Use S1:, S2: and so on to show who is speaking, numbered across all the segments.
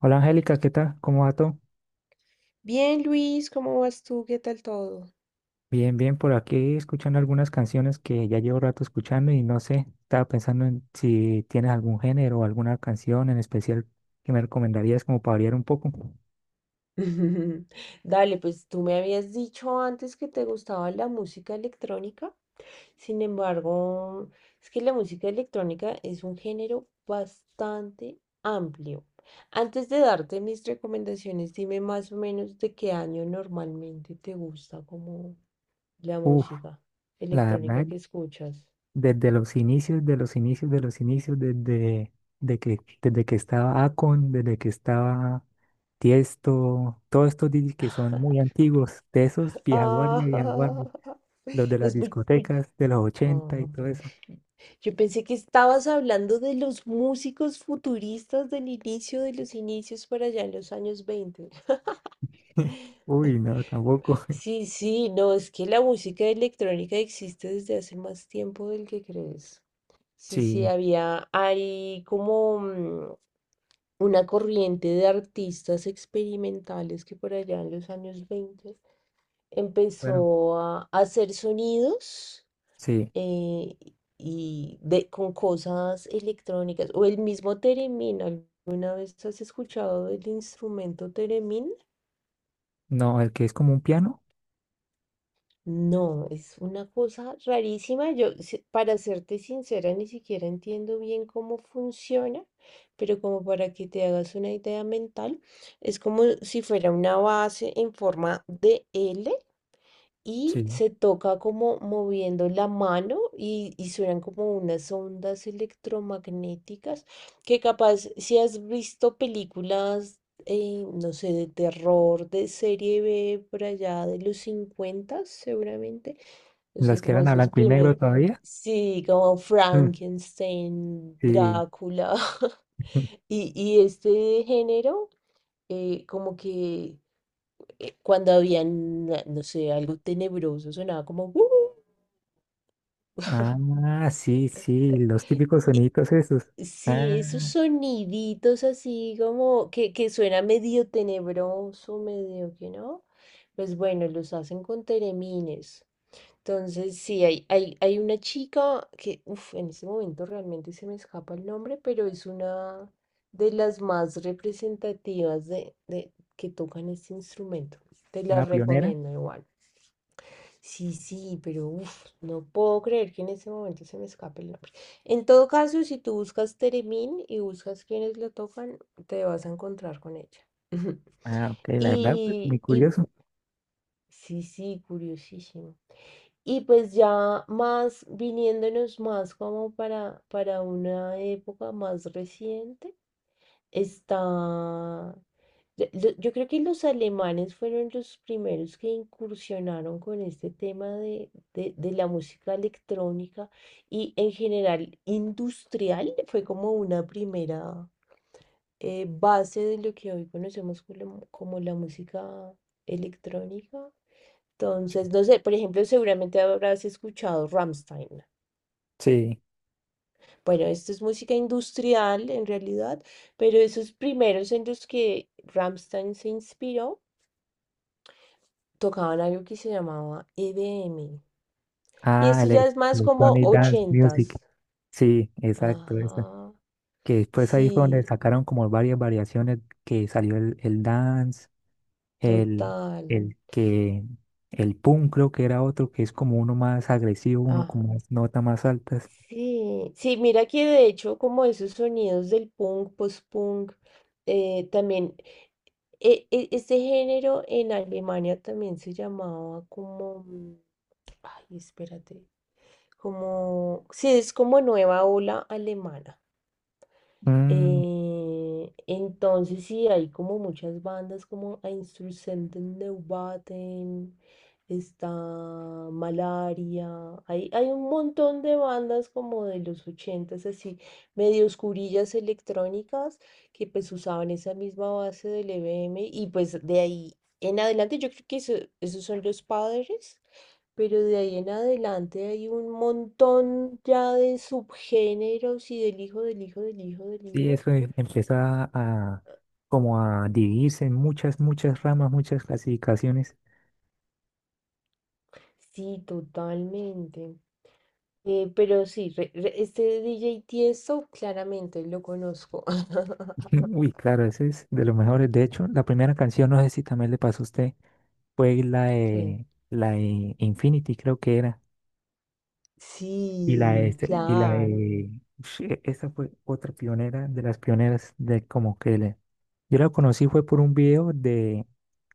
S1: Hola Angélica, ¿qué tal? ¿Cómo va todo?
S2: Bien, Luis, ¿cómo vas tú? ¿Qué tal todo?
S1: Bien, bien, por aquí escuchando algunas canciones que ya llevo rato escuchando y no sé, estaba pensando en si tienes algún género o alguna canción en especial que me recomendarías como para variar un poco.
S2: Dale, pues tú me habías dicho antes que te gustaba la música electrónica. Sin embargo, es que la música electrónica es un género bastante amplio. Antes de darte mis recomendaciones, dime más o menos de qué año normalmente te gusta como la
S1: Uf,
S2: música
S1: la
S2: electrónica
S1: verdad,
S2: que escuchas.
S1: desde los inicios, de los inicios, de los inicios, desde que estaba Akon, desde que estaba Tiesto, todos estos DJs que son muy antiguos, de esos vieja
S2: Ah,
S1: guardia, los de las,
S2: es
S1: sí,
S2: muy...
S1: discotecas de los 80 y todo eso.
S2: Yo pensé que estabas hablando de los músicos futuristas del inicio de los inicios para allá en los años 20.
S1: Uy, no, tampoco.
S2: Sí, sí, no, es que la música electrónica existe desde hace más tiempo del que crees. Sí, sí,
S1: Sí,
S2: hay como una corriente de artistas experimentales que por allá en los años 20
S1: bueno,
S2: empezó a hacer sonidos
S1: sí.
S2: eh, con cosas electrónicas o el mismo Teremin. ¿Alguna vez has escuchado el instrumento Teremin?
S1: No, el que es como un piano.
S2: No, es una cosa rarísima. Yo, si- para serte sincera, ni siquiera entiendo bien cómo funciona, pero como para que te hagas una idea mental, es como si fuera una base en forma de L y
S1: Sí.
S2: se toca como moviendo la mano y suenan como unas ondas electromagnéticas que capaz si has visto películas, no sé, de terror, de serie B por allá de los 50 seguramente, no sé,
S1: Las que
S2: como
S1: eran a
S2: esas
S1: blanco y
S2: primeras,
S1: negro todavía.
S2: sí, como
S1: Mm,
S2: Frankenstein,
S1: sí.
S2: Drácula. Y este género como que cuando habían, no sé, algo tenebroso, sonaba como...".
S1: Ah, sí, sí, los típicos
S2: Eh,
S1: soniditos esos.
S2: sí, esos
S1: Ah,
S2: soniditos así como que suena medio tenebroso, medio que no. Pues bueno, los hacen con teremines. Entonces, sí, hay una chica que, uf, en este momento realmente se me escapa el nombre, pero es una de las más representativas de que tocan este instrumento. Te la
S1: una pionera.
S2: recomiendo igual. Sí, sí, pero uf, no puedo creer que en ese momento se me escape el nombre. En todo caso, si tú buscas Teremín y buscas quienes lo tocan, te vas a encontrar con ella.
S1: Ah, ok, la verdad, pues muy
S2: Y
S1: curioso.
S2: sí, sí, curiosísimo. Y pues ya más viniéndonos más como para una época más reciente. Está... Yo creo que los alemanes fueron los primeros que incursionaron con este tema de la música electrónica y en general industrial. Fue como una primera base de lo que hoy conocemos como, como la música electrónica. Entonces, no sé, por ejemplo, seguramente habrás escuchado Rammstein.
S1: Sí.
S2: Bueno, esto es música industrial en realidad, pero esos primeros en los que Rammstein se inspiró tocaban algo que se llamaba EDM. Y
S1: Ah,
S2: esto ya es más como
S1: Electronic Dance Music.
S2: ochentas.
S1: Sí, exacto, esa.
S2: Ajá,
S1: Que después ahí fue donde
S2: sí,
S1: sacaron como varias variaciones que salió el dance, El,
S2: total.
S1: el que, el punk creo que era otro que es como uno más agresivo, uno
S2: Ajá.
S1: con más notas más altas.
S2: Sí, sí, mira que de hecho como esos sonidos del punk, post-punk, también, este género en Alemania también se llamaba como... Ay, espérate. Como, sí, es como nueva ola alemana.
S1: Mm,
S2: Entonces sí, hay como muchas bandas como Einstürzenden Neubauten, está Malaria, hay un montón de bandas como de los ochentas, así, medio oscurillas electrónicas, que pues usaban esa misma base del EBM y pues de ahí en adelante yo creo que esos son los padres. Pero de ahí en adelante hay un montón ya de subgéneros y del hijo, del hijo, del hijo, del
S1: sí,
S2: hijo.
S1: eso empieza a como a dividirse en muchas, muchas ramas, muchas clasificaciones.
S2: Sí, totalmente. Pero sí, este DJ Tiesto claramente lo conozco.
S1: Uy, claro, ese es de los mejores. De hecho, la primera canción, no sé si también le pasó a usted, fue la
S2: ¿Qué?
S1: de, la de Infinity, creo que era. Y la,
S2: Sí,
S1: este, y la,
S2: claro.
S1: Sí, esa fue otra pionera de las pioneras de como que yo la conocí fue por un video de,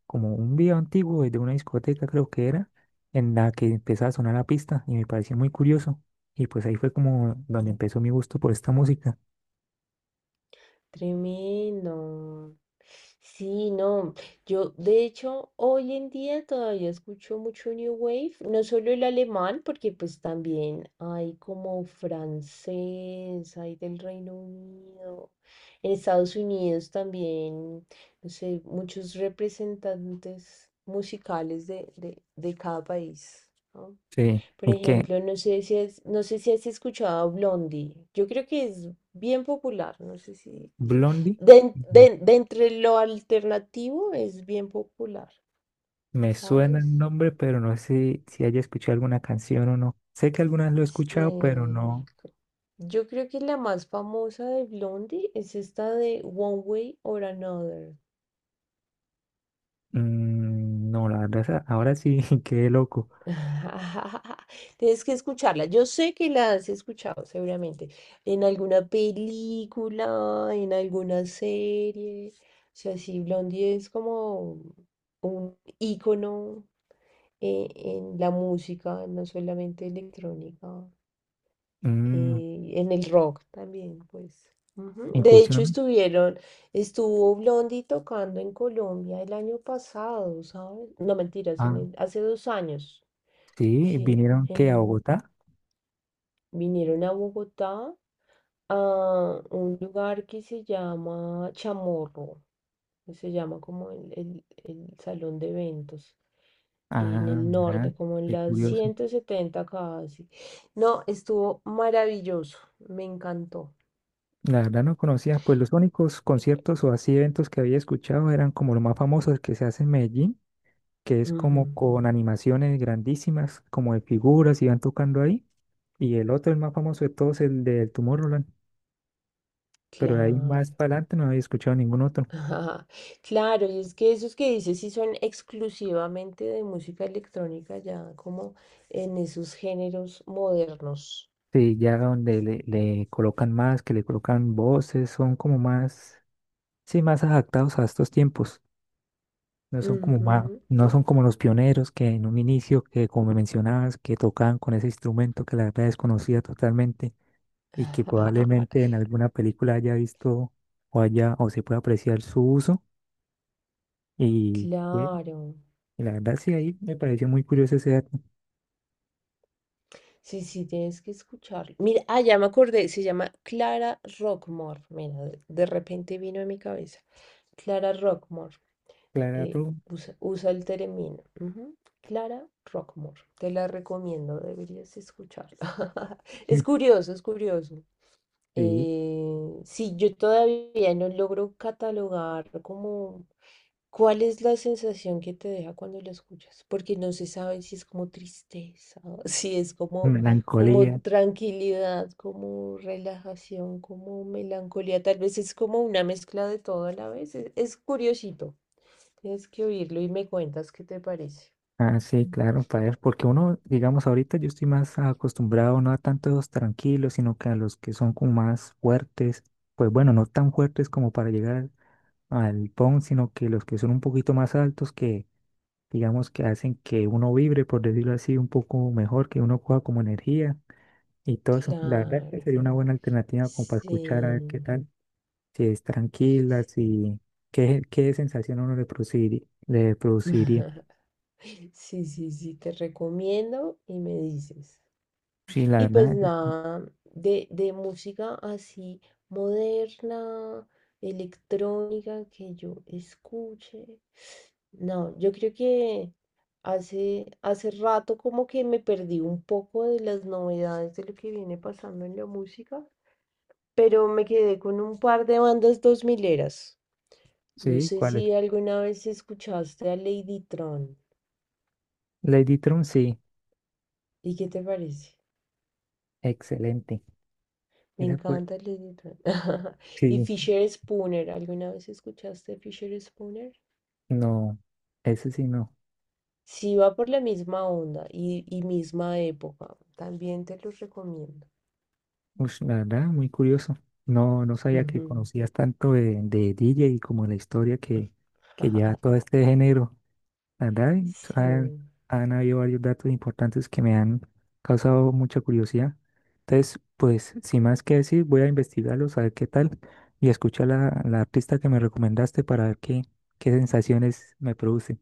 S1: como un video antiguo de una discoteca creo que era, en la que empezaba a sonar la pista y me pareció muy curioso. Y pues ahí fue como donde empezó mi gusto por esta música.
S2: Tremendo. Sí, no. Yo, de hecho, hoy en día todavía escucho mucho New Wave, no solo el alemán, porque pues también hay como francés, hay del Reino Unido. En Estados Unidos también, no sé, muchos representantes musicales de cada país, ¿no?
S1: Sí,
S2: Por
S1: y que
S2: ejemplo, no sé si has escuchado a Blondie. Yo creo que es bien popular. No sé si.
S1: Blondie,
S2: De, en-
S1: mm,
S2: de- de entre lo alternativo es bien popular,
S1: me suena
S2: ¿sabes?
S1: el nombre, pero no sé si haya escuchado alguna canción o no. Sé que algunas lo he
S2: Sí.
S1: escuchado, pero no.
S2: Yo creo que la más famosa de Blondie es esta de One Way or Another.
S1: No, la verdad, ahora sí, qué loco.
S2: Tienes que escucharla. Yo sé que la has escuchado seguramente en alguna película, en alguna serie. O sea, sí, Blondie es como un ícono en la música, no solamente electrónica,
S1: Mm,
S2: en el rock también, pues. Ujú. De hecho,
S1: Incursión.
S2: estuvo Blondie tocando en Colombia el año pasado, ¿sabes? No, mentiras,
S1: Ah,
S2: hace 2 años.
S1: sí,
S2: Sí,
S1: vinieron que a
S2: en,
S1: Bogotá.
S2: Vinieron a Bogotá a un lugar que se llama Chamorro, que se llama como el salón de eventos, en
S1: Ah,
S2: el
S1: mira,
S2: norte, como en
S1: qué
S2: las
S1: curioso.
S2: 170 casi. No, estuvo maravilloso, me encantó.
S1: La verdad no conocía, pues los únicos conciertos o así eventos que había escuchado eran como los más famosos que se hace en Medellín, que es
S2: Ujú.
S1: como con animaciones grandísimas, como de figuras y van tocando ahí. Y el otro, el más famoso de todos, el del Tomorrowland. Pero de ahí
S2: Claro.
S1: más para adelante no había escuchado ningún otro.
S2: Ajá. Claro, y es que esos que dices sí son exclusivamente de música electrónica, ya como en esos géneros modernos.
S1: Sí, ya donde le colocan más, que le colocan voces, son como más, sí, más adaptados a estos tiempos. No son como
S2: Ujú.
S1: no son como los pioneros que en un inicio, que como me mencionabas, que tocaban con ese instrumento que la verdad desconocía totalmente y que probablemente en alguna película haya visto o haya o se pueda apreciar su uso. Y, eh,
S2: Claro.
S1: y la verdad sí, ahí me pareció muy curioso ese dato.
S2: Sí, sí, tienes que escucharlo. Mira, ah, ya me acordé, se llama Clara Rockmore. Mira, de repente vino a mi cabeza. Clara Rockmore. eh,
S1: Claro,
S2: usa el término. Ujú. Clara Rockmore. Te la recomiendo, deberías escucharla. Es curioso, es curioso.
S1: sí,
S2: Sí, yo todavía no logro catalogar como cuál es la sensación que te deja cuando la escuchas, porque no se sabe si es como tristeza, si es como, como
S1: melancolía.
S2: tranquilidad, como relajación, como melancolía, tal vez es como una mezcla de todo a la vez. Es curiosito, tienes que oírlo y me cuentas qué te parece.
S1: Ah, sí, claro, para ver, porque uno, digamos, ahorita yo estoy más acostumbrado no a tantos tranquilos, sino que a los que son como más fuertes, pues bueno, no tan fuertes como para llegar al PON, sino que los que son un poquito más altos que, digamos, que hacen que uno vibre, por decirlo así, un poco mejor, que uno coja como energía y todo eso. La verdad es que
S2: Claro,
S1: sería una buena alternativa como para escuchar a ver qué
S2: sí.
S1: tal, si es tranquila, si, qué sensación a uno le produciría, le produciría.
S2: Sí, sí, sí, te recomiendo y me dices.
S1: Sí, la
S2: Y pues
S1: verdad,
S2: nada, de música así moderna, electrónica que yo escuche. No, yo creo que hace rato como que me perdí un poco de las novedades de lo que viene pasando en la música, pero me quedé con un par de bandas dos mileras. No
S1: sí,
S2: sé
S1: ¿cuál es?
S2: si alguna vez escuchaste a Lady Tron.
S1: Lady Tron, sí,
S2: ¿Y qué te parece?
S1: excelente.
S2: Me
S1: Esa fue,
S2: encanta Lily Tran. Y
S1: sí,
S2: Fisher Spooner, ¿alguna vez escuchaste Fisher Spooner?
S1: no, ese sí no.
S2: Sí, va por la misma onda y misma época. También te los recomiendo.
S1: Ush, la verdad, muy curioso. No, no sabía que
S2: Ujú.
S1: conocías tanto de DJ y como la historia que lleva todo este género. La verdad, y, pues, han,
S2: Sí.
S1: han habido varios datos importantes que me han causado mucha curiosidad. Entonces, pues, sin más que decir, voy a investigarlos, a ver qué tal, y escuchar la artista que me recomendaste para ver qué sensaciones me produce.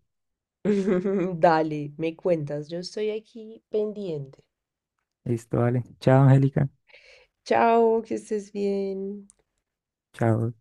S2: Dale, me cuentas. Yo estoy aquí pendiente.
S1: Listo, vale. Chao, Angélica.
S2: Chao, que estés bien.
S1: Chao.